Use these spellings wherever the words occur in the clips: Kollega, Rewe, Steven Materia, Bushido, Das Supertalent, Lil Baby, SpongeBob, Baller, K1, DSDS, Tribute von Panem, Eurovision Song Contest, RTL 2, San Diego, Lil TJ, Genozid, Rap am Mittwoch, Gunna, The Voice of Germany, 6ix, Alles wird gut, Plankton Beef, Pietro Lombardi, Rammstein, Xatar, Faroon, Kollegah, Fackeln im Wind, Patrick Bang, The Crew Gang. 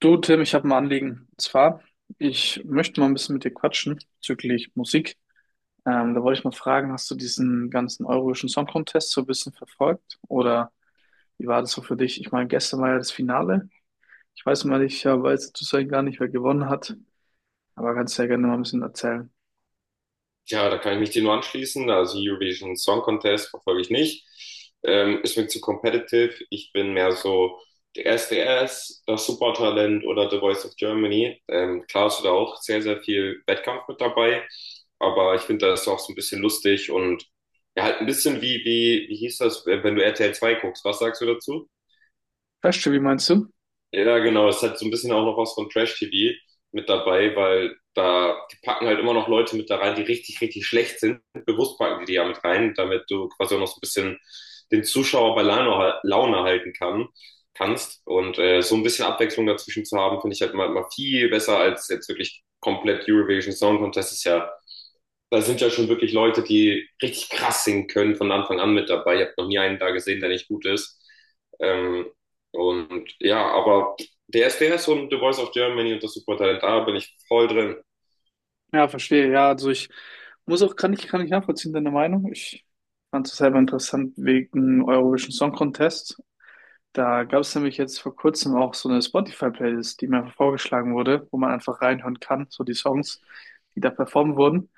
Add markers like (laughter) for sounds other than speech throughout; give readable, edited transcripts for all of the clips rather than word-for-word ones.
Du, Tim, ich habe ein Anliegen. Und zwar, ich möchte mal ein bisschen mit dir quatschen bezüglich Musik. Da wollte ich mal fragen, hast du diesen ganzen Eurovision Song Contest so ein bisschen verfolgt? Oder wie war das so für dich? Ich meine, gestern war ja das Finale. Ich weiß mal nicht, ja, weiß zu sein gar nicht, wer gewonnen hat. Aber kannst ja gerne mal ein bisschen erzählen. Ja, da kann ich mich dir nur anschließen. Also Eurovision Song Contest verfolge ich nicht. Ist mir zu competitive. Ich bin mehr so der D S, das Supertalent oder The Voice of Germany. Klar ist da auch sehr, sehr viel Wettkampf mit dabei. Aber ich finde das auch so ein bisschen lustig und ja, halt ein bisschen wie hieß das, wenn du RTL 2 guckst. Was sagst du dazu? Weißt du, wie meinst du? Ja, genau. Es hat so ein bisschen auch noch was von Trash-TV mit dabei, weil da die packen halt immer noch Leute mit da rein, die richtig, richtig schlecht sind. Bewusst packen die die ja mit rein, damit du quasi auch noch so ein bisschen den Zuschauer bei Laune halten kannst. Und so ein bisschen Abwechslung dazwischen zu haben, finde ich halt immer, immer viel besser als jetzt wirklich komplett Eurovision Song Contest. Ist ja da sind ja schon wirklich Leute, die richtig krass singen können von Anfang an mit dabei. Ich habe noch nie einen da gesehen, der nicht gut ist. Ähm, und ja, aber der DSDS und The Voice of Germany und das Supertalent, da bin ich voll drin. Ja, verstehe. Ja, also ich muss auch, kann ich nachvollziehen, deine Meinung. Ich fand es selber interessant wegen Eurovision Song Contest. Da gab es nämlich jetzt vor kurzem auch so eine Spotify-Playlist, die mir einfach vorgeschlagen wurde, wo man einfach reinhören kann, so die Songs, die da performt wurden.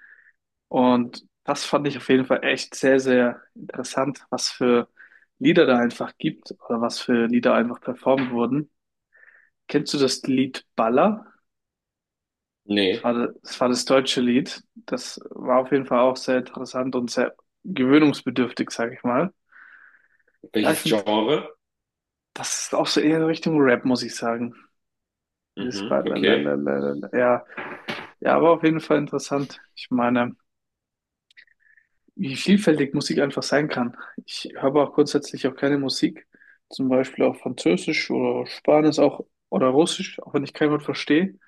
Und das fand ich auf jeden Fall echt sehr, sehr interessant, was für Lieder da einfach gibt oder was für Lieder einfach performt wurden. Kennst du das Lied Baller? Das Nee. war das, war das deutsche Lied. Das war auf jeden Fall auch sehr interessant und sehr gewöhnungsbedürftig, sage ich mal. Ja, ich Welches finde, Genre? das ist auch so eher in Richtung Rap, muss ich sagen. Dieses Mhm, okay. Balalalalala. Ja, ja, aber auf jeden Fall interessant. Ich meine, wie vielfältig Musik einfach sein kann. Ich habe auch grundsätzlich auch keine Musik, zum Beispiel auch Französisch oder Spanisch auch oder Russisch, auch wenn ich kein Wort verstehe,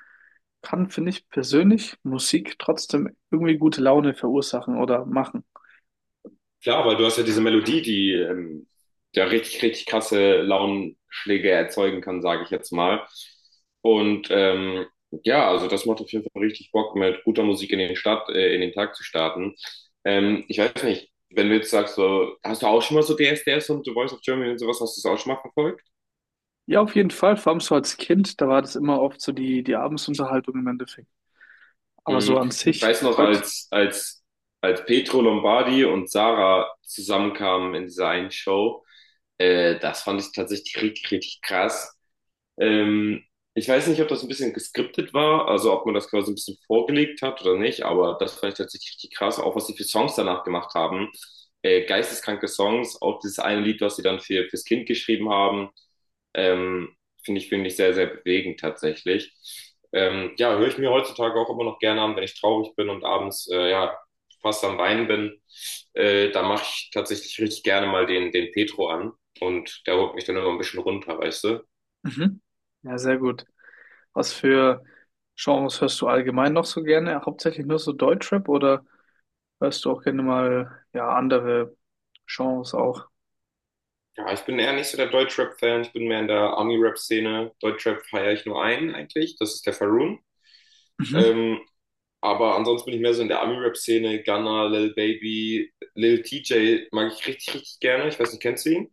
kann, finde ich persönlich, Musik trotzdem irgendwie gute Laune verursachen oder machen. Klar, weil du hast ja diese Melodie, die ja richtig, richtig krasse Launenschläge erzeugen kann, sage ich jetzt mal. Und ja, also das macht auf jeden Fall richtig Bock, mit guter Musik in den Tag zu starten. Ich weiß nicht, wenn du jetzt sagst, so, hast du auch schon mal so DSDS und The Voice of Germany und sowas, hast du das auch schon mal verfolgt? Ja, auf jeden Fall, vor allem so als Kind, da war das immer oft so die Abendsunterhaltung im Endeffekt. Aber so Mhm. an Ich sich, weiß noch, heute, als Pietro Lombardi und Sarah zusammenkamen in dieser einen Show. Das fand ich tatsächlich richtig, richtig krass. Ähm, ich weiß nicht, ob das ein bisschen geskriptet war, also ob man das quasi ein bisschen vorgelegt hat oder nicht, aber das fand ich tatsächlich richtig krass, auch was sie für Songs danach gemacht haben. Geisteskranke Songs, auch dieses eine Lied, was sie dann fürs Kind geschrieben haben, ähm, finde ich sehr, sehr bewegend tatsächlich. Ja, höre ich mir heutzutage auch immer noch gerne an, wenn ich traurig bin und abends, ja, fast am Weinen bin. Da mache ich tatsächlich richtig gerne mal den Petro an und der holt mich dann immer ein bisschen runter, weißt du? mhm. Ja, sehr gut. Was für Genres hörst du allgemein noch so gerne? Hauptsächlich nur so Deutschrap oder hörst du auch gerne mal ja andere Genres auch? Ja, ich bin eher nicht so der Deutschrap-Fan. Ich bin mehr in der Ami-Rap-Szene. Deutschrap feiere ich nur einen eigentlich. Das ist der Faroon. Mhm. Ähm, aber ansonsten bin ich mehr so in der Ami-Rap-Szene. Gunna, Lil Baby, Lil TJ mag ich richtig, richtig gerne. Ich weiß nicht, kennst du ihn?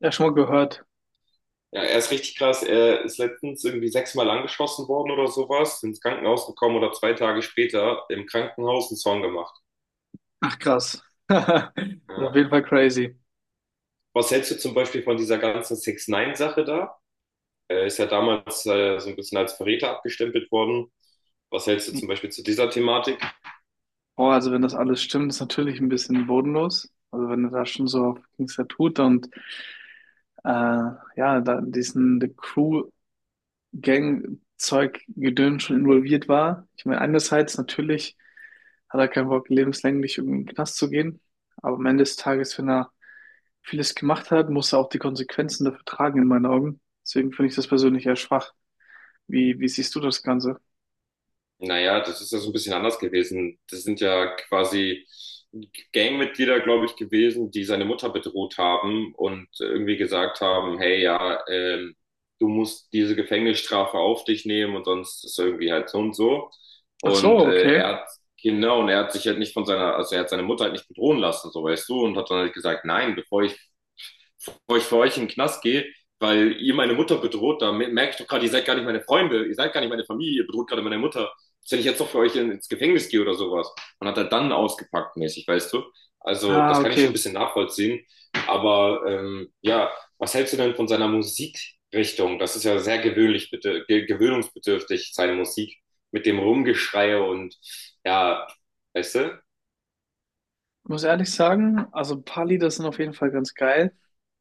Ja, schon mal gehört. Ja, er ist richtig krass. Er ist letztens irgendwie sechsmal angeschossen worden oder sowas, ins Krankenhaus gekommen oder 2 Tage später im Krankenhaus einen Song gemacht. Ach krass. (laughs) Das ist auf Äh, jeden Fall crazy. was hältst du zum Beispiel von dieser ganzen 6 ix sache da? Er ist ja damals so ein bisschen als Verräter abgestempelt worden. Was hältst du zum Beispiel zu dieser Thematik? Boah, also wenn das alles stimmt, ist natürlich ein bisschen bodenlos. Also wenn er da schon so auf Gangster tut und ja, da in diesen The Crew Gang Zeug Gedöns schon involviert war. Ich meine, einerseits natürlich hat er keinen Bock, lebenslänglich irgendwie in den Knast zu gehen. Aber am Ende des Tages, wenn er vieles gemacht hat, muss er auch die Konsequenzen dafür tragen, in meinen Augen. Deswegen finde ich das persönlich eher schwach. Wie siehst du das Ganze? Naja, das ist ja so ein bisschen anders gewesen. Das sind ja quasi Gangmitglieder, glaube ich, gewesen, die seine Mutter bedroht haben und irgendwie gesagt haben, hey, ja, du musst diese Gefängnisstrafe auf dich nehmen und sonst ist irgendwie halt so und so. Ach so, Und okay. Genau, und er hat sich halt nicht von seiner, also er hat seine Mutter halt nicht bedrohen lassen, so weißt du, und hat dann halt gesagt, nein, bevor ich für euch in den Knast gehe, weil ihr meine Mutter bedroht, da merke ich doch gerade, ihr seid gar nicht meine Freunde, ihr seid gar nicht meine Familie, ihr bedroht gerade meine Mutter. Was, wenn ich jetzt doch für euch ins Gefängnis gehe oder sowas? Und hat er dann ausgepackt mäßig, weißt du? Also Ah, das kann ich schon ein okay. bisschen nachvollziehen. Aber ja, was hältst du denn von seiner Musikrichtung? Das ist ja sehr gewöhnlich, bitte, ge gewöhnungsbedürftig, seine Musik mit dem Rumgeschrei und ja, weißt du? Muss ehrlich sagen, also ein paar Lieder sind auf jeden Fall ganz geil,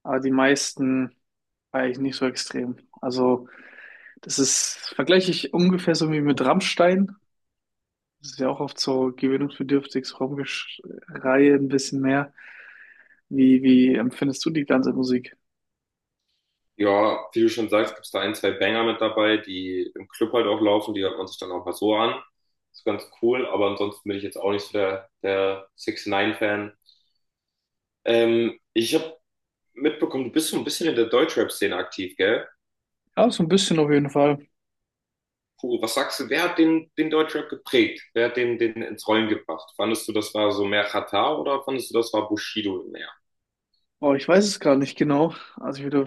aber die meisten war ich nicht so extrem. Also, das ist, vergleiche ich ungefähr so wie mit Rammstein. Das ist ja auch oft so gewöhnungsbedürftig, so Rumgeschreie ein bisschen mehr. Wie empfindest du die ganze Musik? Ja, wie du schon sagst, gibt's da ein, zwei Banger mit dabei, die im Club halt auch laufen, die hört man sich dann auch mal so an. Ist ganz cool, aber ansonsten bin ich jetzt auch nicht so der, 6 ix fan. Ich habe mitbekommen, du bist so ein bisschen in der Deutschrap-Szene aktiv, gell? Ja, so ein bisschen auf jeden Fall. Puh, was sagst du, wer hat den Deutschrap geprägt? Wer hat den ins Rollen gebracht? Fandest du, das war so mehr Xatar oder fandest du, das war Bushido mehr? Oh, ich weiß es gerade nicht genau.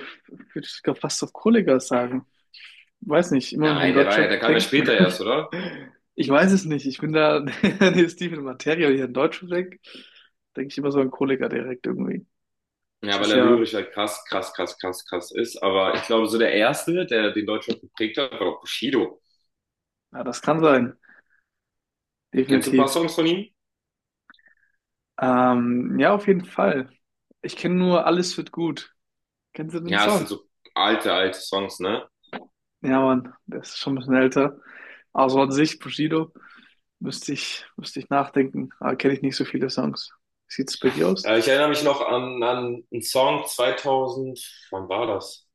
Würde sogar fast auf Kollega sagen. Weiß nicht, immer wenn ich an Nein, der Deutschrap kam ja später erst, denke. oder? (laughs) Ich weiß es nicht. Ich bin da, (laughs) nee, Steven Materia, hier in an Deutschrap denke, denke ich immer so an Kollega direkt irgendwie. Ja, Das weil ist er ja, lyrisch halt krass, krass, krass, krass, krass ist. Aber ich glaube, so der erste, der den Deutschrap geprägt hat, war doch Bushido. ja, das kann sein. Kennst du ein paar Definitiv. Songs von ihm? Ja, auf jeden Fall. Ich kenne nur Alles wird gut. Kennst du den Ja, es sind Song? so alte, alte Songs, ne? Ja, Mann, der ist schon ein bisschen älter. Also an sich, Bushido. Müsste ich nachdenken. Aber kenne ich nicht so viele Songs. Sieht's bei dir aus? Ich erinnere mich noch an einen Song 2000. Wann war das?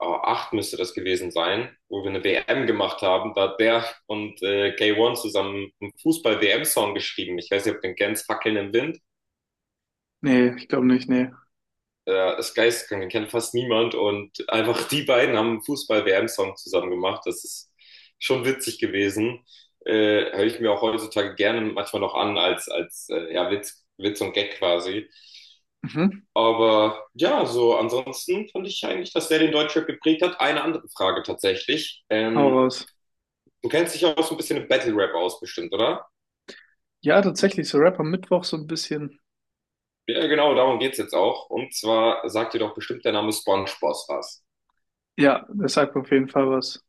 Oh, acht müsste das gewesen sein, wo wir eine WM gemacht haben. Da hat der und K1 zusammen einen Fußball-WM-Song geschrieben. Ich weiß nicht, ob du den kennst, Fackeln im Wind. Nee, ich glaube nicht, nee. Ja, das geisteskrank, den kennt fast niemand. Und einfach die beiden haben einen Fußball-WM-Song zusammen gemacht. Das ist schon witzig gewesen. Höre ich mir auch heutzutage gerne manchmal noch an, als ja, Witz, Witz und Gag quasi. Mhm. Aber ja, so ansonsten fand ich eigentlich, dass der den Deutschrap geprägt hat. Eine andere Frage tatsächlich. Hau Ähm, raus. du kennst dich ja auch so ein bisschen im Battle-Rap aus, bestimmt, oder? Ja, tatsächlich, so Rap am Mittwoch so ein bisschen. Ja, genau, darum geht's jetzt auch. Und zwar sagt dir doch bestimmt der Name SpongeBob was. Ja, das sagt mir auf jeden Fall was.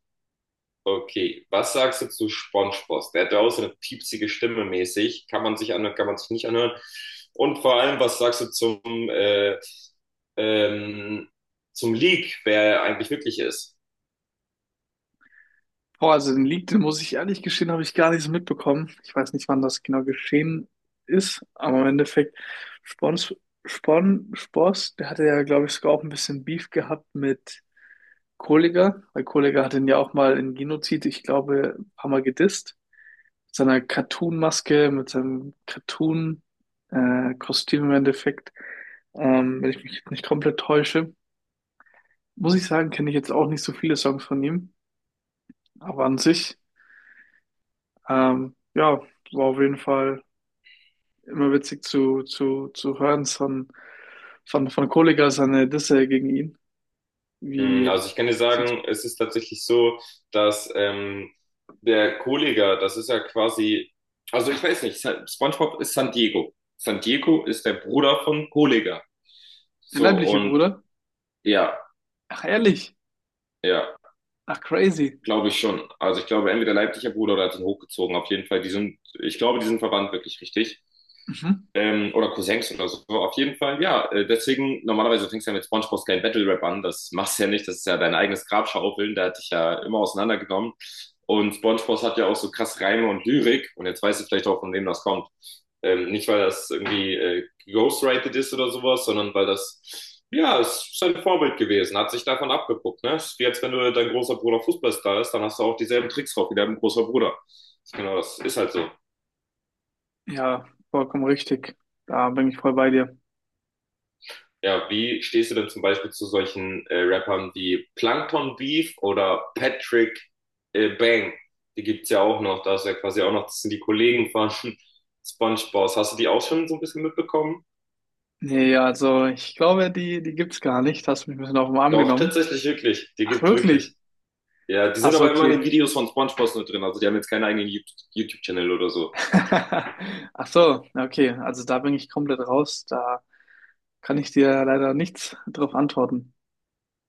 Okay, was sagst du zu SpongeBob? Der hat ja auch so eine piepsige Stimme mäßig. Kann man sich anhören, kann man sich nicht anhören. Und vor allem, was sagst du äh, ähm, zum Leak, wer er eigentlich wirklich ist? Boah, also den Leak, den muss ich ehrlich gestehen, habe ich gar nicht so mitbekommen. Ich weiß nicht, wann das genau geschehen ist, aber im Endeffekt, Spons, Spon, Spors, der hatte ja, glaube ich, sogar auch ein bisschen Beef gehabt mit Kollegah, weil Kollegah hat ihn ja auch mal in Genozid, ich glaube, ein paar Mal gedisst. Seiner Cartoon-Maske, mit seinem Cartoon-Kostüm im Endeffekt. Wenn ich mich jetzt nicht komplett täusche, muss ich sagen, kenne ich jetzt auch nicht so viele Songs von ihm. Aber an sich, ja, war auf jeden Fall immer witzig zu hören von Kollegah seine Disse gegen ihn. Mm, Wie Also ich kann dir sieht sagen, es ist tatsächlich so, dass der Kollega, das ist ja quasi, also ich weiß nicht, SpongeBob ist San Diego. San Diego ist der Bruder von Kollega. der So leibliche und Bruder? ja. Ach, ehrlich? Ja, Ach, crazy. glaube ich schon. Also ich glaube, entweder leipziger Bruder oder hat ihn hochgezogen. Auf jeden Fall, die sind, ich glaube, die sind verwandt wirklich richtig. Mhm. Oder Cousins oder so. Auf jeden Fall, ja. Deswegen, normalerweise fängst du ja mit SpongeBob's kleinen Battle Rap an. Das machst du ja nicht. Das ist ja dein eigenes Grabschaufeln. Der hat dich ja immer auseinandergenommen. Und SpongeBob hat ja auch so krass Reime und Lyrik. Und jetzt weißt du vielleicht auch, von wem das kommt. Nicht, weil das irgendwie geghostwritet ist oder sowas, sondern weil ja, es ist sein Vorbild gewesen, hat sich davon abgeguckt. Ne? Ist wie als wenn du dein großer Bruder Fußballstar ist, dann hast du auch dieselben Tricks drauf wie dein großer Bruder. Genau, das ist halt so. Ja, vollkommen richtig. Da bin ich voll bei dir. Ja, wie stehst du denn zum Beispiel zu solchen Rappern wie Plankton Beef oder Patrick Bang? Die gibt's ja auch noch, da ist ja quasi auch noch, das sind die Kollegen von (laughs) SpongeBob. Hast du die auch schon so ein bisschen mitbekommen? Nee, also ich glaube, die gibt's gar nicht. Hast mich ein bisschen auf den Arm Doch, genommen. tatsächlich wirklich. Die Ach, gibt's wirklich. wirklich? Ja, die Ach sind so, aber immer in okay. den Videos von SpongeBob nur drin. Also die haben jetzt keinen eigenen YouTube-Channel oder so. (laughs) Ach so, okay. Also da bin ich komplett raus. Da kann ich dir leider nichts drauf antworten.